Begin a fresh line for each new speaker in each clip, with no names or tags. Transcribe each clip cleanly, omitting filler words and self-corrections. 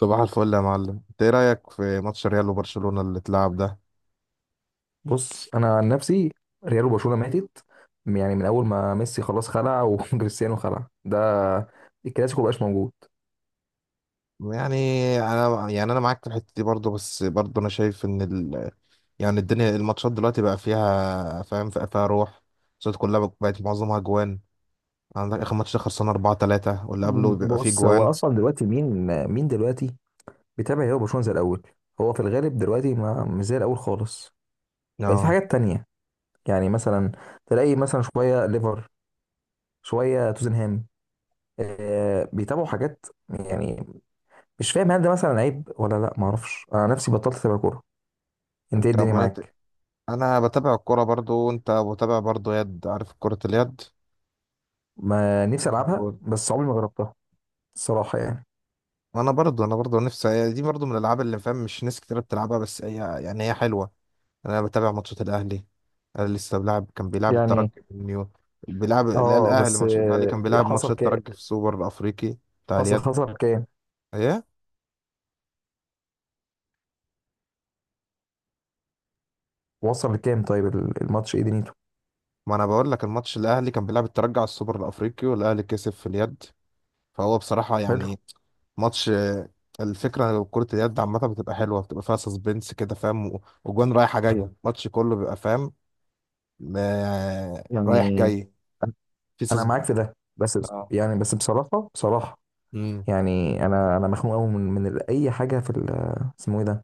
صباح الفل يا معلم، انت ايه رايك في ماتش ريال وبرشلونه اللي اتلعب ده؟
بص انا عن نفسي، ريال وبرشلونه ماتت. يعني من اول ما ميسي خلاص خلع وكريستيانو خلع ده، الكلاسيكو مبقاش موجود.
يعني يعني انا معاك في الحته دي برضو. بس برضو انا شايف ان ال... يعني الدنيا الماتشات دلوقتي بقى فيها فاهم بقى فيها روح الصوت كلها بقت معظمها جوان. عندك اخر ماتش ده خلصنا 4-3 واللي قبله بيبقى فيه
بص هو
جوان.
اصلا دلوقتي مين، مين دلوقتي بيتابع ريال وبرشلونه زي الاول؟ هو في الغالب دلوقتي ما مش زي الاول خالص. بقت في
اه.
حاجات تانية. يعني مثلا تلاقي مثلا شويه ليفر، شويه توتنهام، آه بيتابعوا حاجات يعني. مش فاهم هل ده مثلا عيب ولا لا، ما اعرفش، انا نفسي بطلت اتابع كوره. انت ايه
انت
الدنيا
امال انت-
معاك؟
انا بتابع الكوره برضو. انت بتابع برضو يد؟ عارف كره اليد؟
ما نفسي
عند
العبها
جون.
بس عمري ما جربتها. الصراحة يعني.
انا برضو نفسي دي برضو من الالعاب اللي فاهم مش ناس كتير بتلعبها. بس هي يعني هي حلوه. انا بتابع ماتشات الاهلي. انا لسه بلعب، كان بيلعب
يعني
الترجي من يوم، بيلعب لا
اه،
الاهلي،
بس
ماتش الاهلي
آه،
كان بيلعب ماتش
حصل كام؟
الترجي في السوبر الافريقي بتاع
اصل
اليد.
خسر كام؟
ايه؟
وصل لكام؟ طيب الماتش ايه دنيته؟
ما انا بقول لك الماتش، الاهلي كان بيلعب الترجي على السوبر الافريقي والاهلي كسب في اليد. فهو بصراحه
حلو.
يعني ماتش. الفكره لو كره اليد عامه بتبقى حلوه، بتبقى فيها سسبنس كده فاهم، وجوان رايحه جايه، الماتش كله بيبقى فاهم، رايح
يعني
جاي،
انا
في
أنا
سسبنس.
معاك في ده بس
اه.
يعني بس بصراحة بصراحة.
امم
يعني انا مخنوق قوي من اي حاجة في اسمه ايه ده؟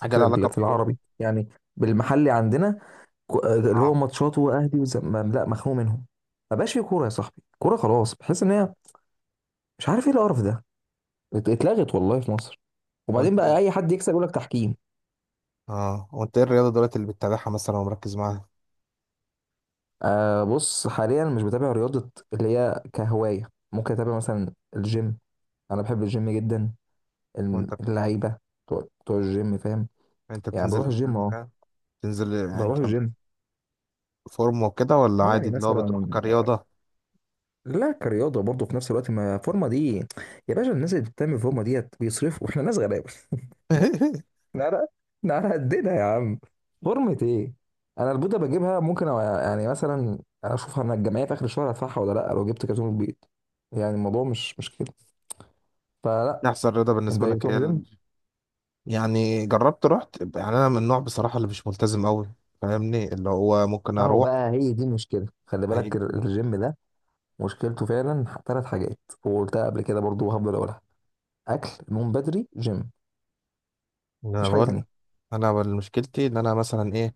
حاجه لها
في
علاقه
في
بالكوره.
العربي يعني، بالمحلي عندنا، اللي هو
اه،
ماتشاته واهلي لا، مخنوق منهم. ما بقاش في كورة يا صاحبي، كورة خلاص، بحس ان هي، مش عارف ايه القرف ده، اتلغت والله في مصر. وبعدين
وانت
بقى
إيه؟
اي حد يكسب يقول لك تحكيم.
اه، وانت ايه الرياضه دلوقتي اللي بتتابعها مثلا ومركز معاها؟
أه بص، حاليا مش بتابع رياضة. اللي هي كهواية ممكن أتابع مثلا الجيم، أنا بحب الجيم جدا.
وانت
اللعيبة بتوع الجيم فاهم.
انت
يعني
بتنزل
بروح الجيم
الجيم
أه،
ده؟ بتنزل يعني انت
بروح الجيم.
فورم وكده، ولا عادي
يعني
اللي هو
مثلا
بتروح كرياضه؟
لا، كرياضة برضه في نفس الوقت، ما فورمة دي يا باشا، الناس اللي بتعمل فورمة ديت بيصرفوا احنا ناس غلابة احنا على، احنا على قدنا يا عم. فورمة ايه؟ أنا البيضة بجيبها ممكن، أو يعني مثلا أشوفها أنا، الجمعية في آخر الشهر هدفعها ولا لأ لو جبت كرتون البيض. يعني الموضوع مش كده. فلا.
احسن رياضه
انت
بالنسبه
ايه
لك هي
بتروح جيم؟
ال...؟ يعني جربت رحت. يعني انا من النوع بصراحه اللي مش ملتزم قوي، فاهمني؟ اللي هو ممكن
اهو
اروح.
بقى هي دي المشكله. خلي بالك
هيجي.
الجيم ده مشكلته فعلا ثلاث حاجات، وقلتها قبل كده برضو وهفضل اقولها: اكل، نوم بدري، جيم.
انا
مفيش حاجه
بقول لك،
تانية.
مشكلتي ان انا مثلا ايه،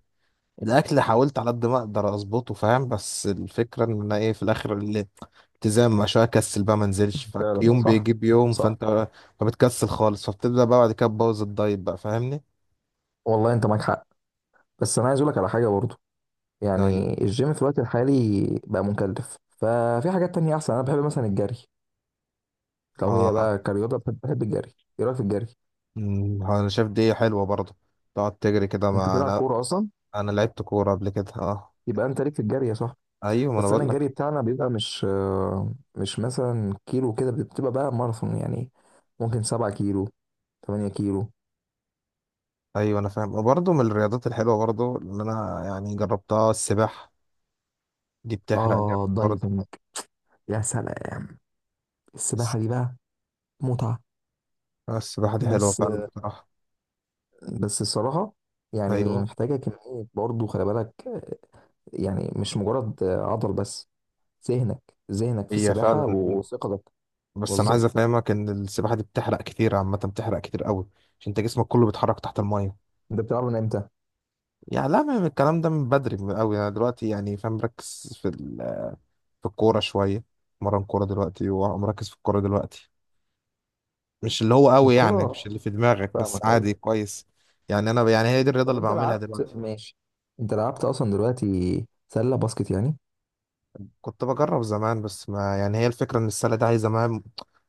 الاكل حاولت على قد ما اقدر اظبطه فاهم. بس الفكره ان انا ايه في الاخر، الالتزام، عشان اكسل بقى ما انزلش.
فعلا
فيوم
صح.
بيجيب يوم
صح.
فانت فبتكسل خالص. فبتبدا بقى بعد كده تبوظ الدايت بقى، فاهمني؟
والله انت معاك حق، بس انا عايز اقول لك على حاجه برضو.
دايت.
يعني الجيم في الوقت الحالي بقى مكلف، ففي حاجات تانية احسن. انا بحب مثلا الجري. لو هي
اه.
بقى كرياضه، بحب الجري. ايه رايك في الجري؟
انا شايف دي حلوه برضه. تقعد تجري كده،
انت
ما
بتلعب
انا
كوره اصلا،
انا لعبت كوره قبل كده اه.
يبقى انت ليك في الجري يا صاحبي.
ايوه ما انا
بس انا
بقول لك.
الجري بتاعنا بيبقى مش مش مثلا كيلو كده، بتبقى بقى ماراثون يعني، ممكن سبعة كيلو، تمانية كيلو.
ايوه انا فاهم. وبرضه من الرياضات الحلوه برضه اللي انا يعني جربتها السباحه. دي بتحرق جامد
اه
برضه.
دايفنج، يا سلام.
الس-
السباحة دي بقى متعة.
السباحه دي حلوه
بس
فعلا
آه،
بصراحه.
بس الصراحة يعني
ايوه.
محتاجة كمية برضه، خلي بالك يعني مش مجرد عضل بس، ذهنك، ذهنك في
هي
السباحة
فعلا.
وثقتك.
بس انا عايز
بالظبط.
افهمك ان السباحه دي بتحرق كتير عامه، بتحرق كتير قوي، عشان انت جسمك كله بيتحرك تحت الميه.
انت بتلعب من امتى؟
يعني لا، من الكلام ده من بدري من قوي. انا دلوقتي يعني فاهم مركز في الكوره شويه. مرن كوره دلوقتي ومركز في الكوره دلوقتي. مش اللي هو قوي يعني مش
الكرة.
اللي في دماغك، بس
فاهمك ايوه.
عادي كويس. يعني انا يعني هي دي الرياضه
طب
اللي
انت
بعملها
لعبت،
دلوقتي.
ماشي، انت لعبت اصلا دلوقتي سلة باسكت يعني؟
كنت بجرب زمان. بس ما يعني هي الفكره ان السله دي عايزه مهام،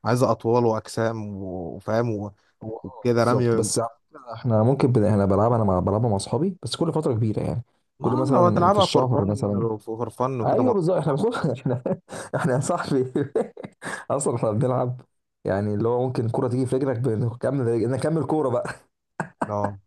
عايزه اطوال واجسام وفاهم
هو اه
وكده
بالظبط،
رمي.
بس على فكرة احنا ممكن احنا بلعبها انا بلعبها مع اصحابي بس كل فتره كبيره يعني،
ما
كل
لو
مثلا في
هتلعبها فور
الشهر مثلا.
فن، فور فن وكده مع
ايوه بالظبط، احنا
اصحابك.
بنخش احنا، احنا يا صاحبي اصلا احنا بنلعب، يعني اللي هو ممكن الكوره تيجي في رجلك بنكمل، نكمل كوره بقى.
لو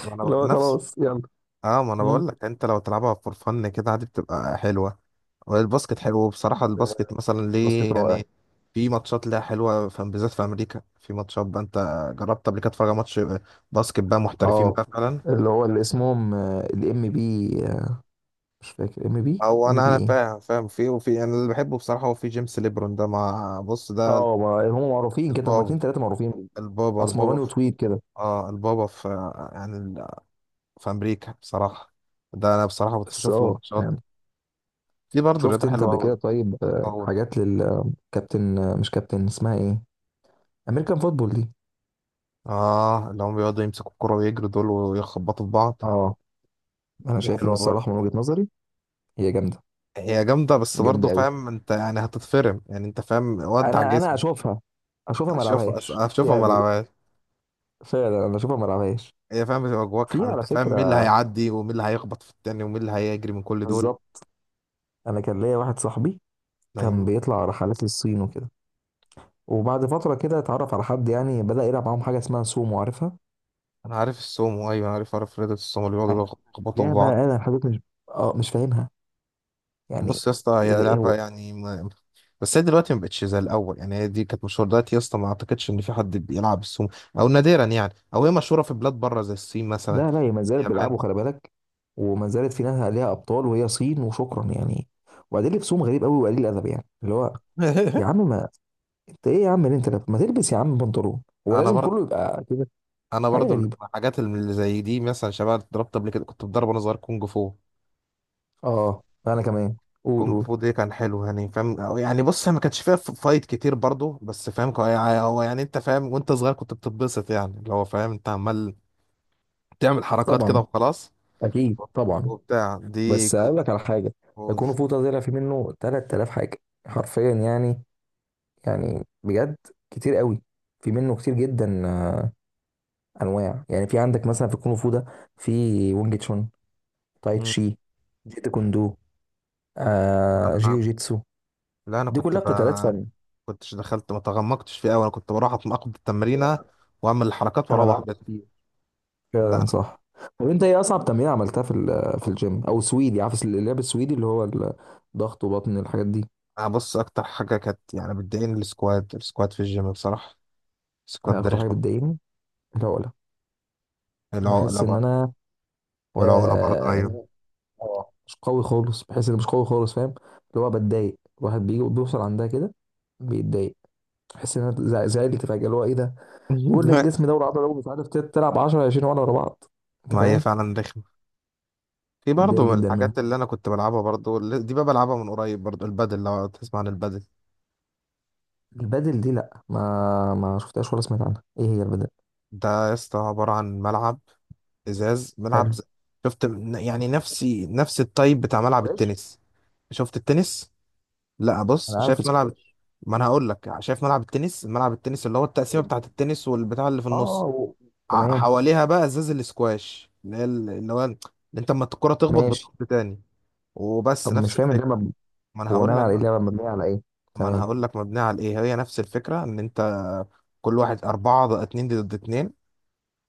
ما انا
اللي هو
نفس.
خلاص يلا.
اه ما انا
مم.
بقول لك، انت لو تلعبها فور فن كده عادي بتبقى حلوه. والباسكت حلو بصراحه. الباسكت مثلا
باسكت
ليه
رائع.
يعني في ماتشات ليها حلوه، في بالذات في امريكا في ماتشات بقى. انت جربت قبل كده تتفرج على ماتش باسكت بقى محترفين
اه
بقى فعلا؟
اللي هو اللي اسمهم الام بي، مش فاكر ام بي،
او
ام
انا
بي
انا
ايه.
فاهم فاهم في وفي. انا اللي بحبه بصراحه هو في جيمس ليبرون ده، مع بص ده
اه ما هم معروفين كده، هم
البابا
اتنين تلاته معروفين.
البابا،
اسمراني وطويل كده.
اه البابا في يعني في امريكا بصراحه. ده انا بصراحه
بس
بشوف له
اه
ماتشات.
يعني،
في برضه
شفت
رياضه
انت
حلوه
قبل كده
قوي.
طيب
اول
حاجات للكابتن، مش كابتن اسمها ايه، امريكان فوتبول دي؟
اه، اللي هم بيقعدوا يمسكوا الكرة ويجروا دول ويخبطوا في بعض.
اه انا
دي
شايف ان
حلوه
الصراحه
برضه.
من وجهه نظري هي جامده،
هي جامده. بس برضه
جامده قوي.
فاهم انت يعني هتتفرم يعني انت فاهم، ودع
انا
جسمك.
اشوفها، اشوفها ما
اشوف،
العبهاش
اشوفها ما
يعني.
العبهاش.
فعلا انا اشوفها ما العبهاش.
هي فاهم بتبقى جواك
في على
انت، فاهم مين اللي
فكره،
هيعدي ومين اللي هيخبط في التاني ومين اللي هيجري من كل دول.
بالظبط، انا كان ليا واحد صاحبي كان
ايوه
بيطلع رحلات للصين وكده، وبعد فتره كده اتعرف على حد يعني، بدا يلعب معاهم حاجه اسمها سومو، عارفها؟
انا عارف السومو. ايوه انا عارف، عارف رياضه السومو اللي بيقعدوا يخبطوا في
لعبه
بعض.
انا لحد دلوقتي مش، اه مش فاهمها يعني.
بص يا اسطى
إيه
هي
ده؟ إيه
لعبة
هو؟
يعني ما... بس هي دلوقتي ما بقتش زي الأول. يعني هي دي كانت مشهورة. دلوقتي يا اسطى ما أعتقدش إن في حد بيلعب السومو، أو نادرا. يعني أو هي مشهورة في بلاد بره زي الصين مثلا،
لا لا، هي ما زالت
اليابان.
بيلعبوا، خلي بالك، وما زالت في ناس عليها ابطال، وهي صين وشكرا يعني. وبعدين لبسهم غريب قوي وقليل ادب يعني، اللي هو يا عم ما، انت ايه يا عم اللي انت لابس؟ ما تلبس يا عم بنطلون، هو
أنا
لازم
برضه
كله يبقى كده؟
أنا
حاجه
برضه
غريبه.
الحاجات اللي زي دي، مثلا شباب اتضربت قبل كده، كنت بتضرب وأنا صغير كونج فو.
اه انا كمان، قول
كونج
قول.
فو دي كان حلو يعني فاهم. أو يعني بص هي ما كانش فيها فايت كتير برضه. بس فاهم يعني هو يعني أنت فاهم، وأنت صغير كنت بتتبسط يعني اللي هو فاهم. أنت عمال تعمل حركات كده
طبعا،
وخلاص.
اكيد طبعا.
وبتاع دي.
بس اقول لك على حاجه، يكون فوطه طلع في منه 3000 حاجه، حرفيا يعني، يعني بجد كتير قوي، في منه كتير جدا انواع يعني. في عندك مثلا في الكونغ فو ده، في وينج تشون، تاي
مم.
تشي، جيتو كوندو، آه
انا
جيو جيتسو،
لا
دي كلها قتالات فن.
كنتش دخلت، ما تغمقتش فيه قوي. انا كنت بروح اتناقض التمرينه واعمل الحركات
انا
واروح
لعبت
بيت.
كتير.
لا
فعلا صح. طب انت ايه اصعب تمرين عملتها في في الجيم او سويدي، عارف اللعب السويدي اللي هو الضغط وبطن الحاجات دي؟
أنا بص اكتر حاجه كانت يعني بتضايقني السكواد. السكواد في الجيم بصراحه،
أنا
السكواد ده
اكتر حاجه
رخم.
بتضايقني العقله.
العقله
بحس ان
بقى،
انا،
والعقله برضه
آه إن
ايوه.
أنا- آه، مش قوي خالص، بحس ان مش قوي خالص فاهم. اللي هو بتضايق، الواحد بيجي بيوصل عندها كده بيتضايق. بحس ان انا زعلت فجاه، اللي هو ايه ده؟ كل الجسم ده والعضله لو مش عارف تلعب 10، 20 ولا ورا بعض، انت
ما هي
فاهم.
فعلا رخمه. في برضه
بتضايق
من
جدا منها.
الحاجات اللي انا كنت بلعبها برضه دي بقى بلعبها من قريب برضه، البادل، لو تسمع عن البادل.
البادل دي لا، ما ما شفتهاش ولا سمعت عنها، ايه هي البادل؟
ده يا اسطى عباره عن ملعب ازاز،
حلو،
شفت؟ يعني نفسي، نفس التايب بتاع ملعب
سكواش،
التنس، شفت التنس؟ لا
انا
بص،
عارف
شايف ملعب،
السكواش.
ما انا هقول لك. شايف ملعب التنس؟ ملعب التنس اللي هو التقسيمه بتاعه التنس والبتاع اللي في
اه
النص.
و، تمام.
حواليها بقى ازاز الاسكواش اللي هي اللي هو اللي انت اما الكره تخبط
ماشي.
بتروح تاني. وبس
طب مش
نفس
فاهم اللعبه
الفكره. ما انا
بناء
هقول لك
على ايه؟
بقى،
اللعبه مبنيه على ايه؟
ما انا
تمام.
هقول لك مبنيه على ايه. هي نفس الفكره ان انت كل واحد اربعه اتنين ضد اتنين،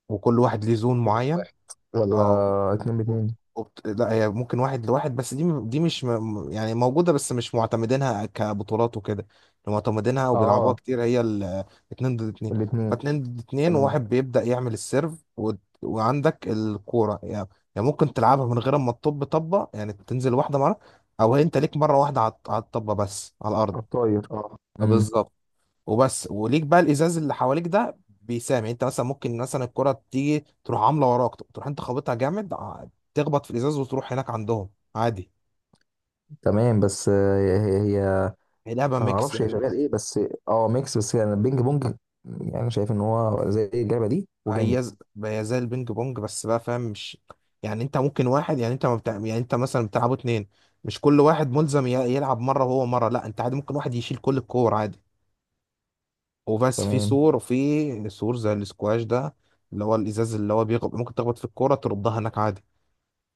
وكل واحد ليه زون
مفيش
معين.
واحد، ولا
اه.
اتنين
وبت-
باتنين؟
لا هي ممكن واحد لواحد، بس دي مش م- يعني موجودة بس مش معتمدينها كبطولات وكده. اللي معتمدينها وبيلعبوها
اه
كتير هي اتنين ضد اتنين.
الاتنين.
فاتنين ضد اتنين،
تمام.
وواحد بيبدأ يعمل السيرف و... وعندك الكورة يعني. يعني ممكن تلعبها من غير ما تطب طبة، يعني تنزل واحدة مرة، أو هي أنت ليك مرة واحدة على على الطبة بس على الأرض.
الطاير اه، امم.
بالظبط. وبس وليك بقى الازاز اللي حواليك ده، بيسامع. انت مثلا ممكن مثلا الكره تيجي تروح عامله وراك، تروح انت خابطها جامد تخبط في الازاز وتروح هناك عندهم عادي.
تمام بس هي، هي
هي لعبه
انا ما
ميكس
اعرفش هي
يعني.
شغال ايه بس. اه ميكس، بس يعني البينج بونج، يعني شايف ان هو زي اللعبه دي وجامد.
هي ز- هي زي البينج بونج، بس بقى فاهم مش يعني انت ممكن واحد، يعني انت ما بتاع... يعني انت مثلا بتلعبوا اتنين، مش كل واحد ملزم يلعب مره وهو مره. لا انت عادي ممكن واحد يشيل كل الكور عادي. وبس في
تمام.
سور، وفي سور زي الاسكواش ده، اللي هو الازاز اللي هو ممكن تخبط في الكوره تردها هناك عادي.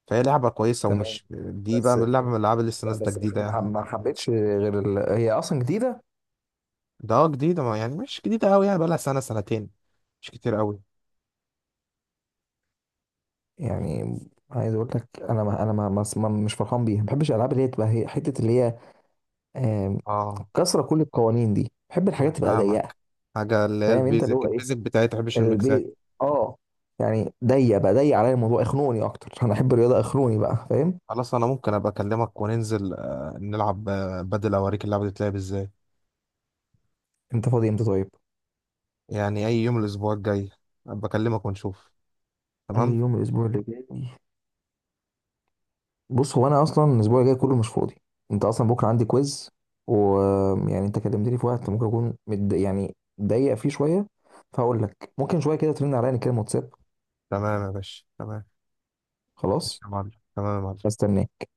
فهي لعبة كويسة.
تمام،
ومش دي بقى
بس
من اللعبة، من الألعاب اللي لسه نازلة جديدة يعني.
ما حبيتش غير ال... هي اصلا جديده؟
ده اه جديدة، ما يعني مش جديدة أوي، يعني بقالها 1 أو 2 سنة، مش كتير أوي.
يعني عايز اقول لك انا، مش فرحان بيها، ما بحبش الالعاب اللي هي تبقى هي حته اللي هي آم،
اه
كسره كل القوانين دي. بحب
أنا
الحاجات تبقى ضيقه.
فاهمك. حاجة اللي هي
فاهم انت اللي
البيزك،
هو ايه،
البيزك بتاعتها مش الميكسات.
البيت اه، يعني ضيق بقى، ضيق عليا الموضوع اخنوني اكتر. انا احب الرياضه اخنوني بقى فاهم.
خلاص أنا ممكن أبقى أكلمك وننزل نلعب بدل أوريك اللعبة دي بتلعب إزاي.
انت فاضي امتى طيب؟
يعني أي يوم الأسبوع الجاي أبقى أكلمك ونشوف.
اي
تمام.
يوم الاسبوع اللي جاي. بص هو انا اصلا الاسبوع الجاي كله مش فاضي، انت اصلا بكره عندي كويز، ويعني انت كلمتني في وقت ممكن اكون يعني ضيق فيه شويه. فهقول لك ممكن شويه كده ترن عليا نتكلم واتساب.
تمام يا باشا، تمام. ماشي
خلاص،
يا معلم، تمام يا معلم.
استناه.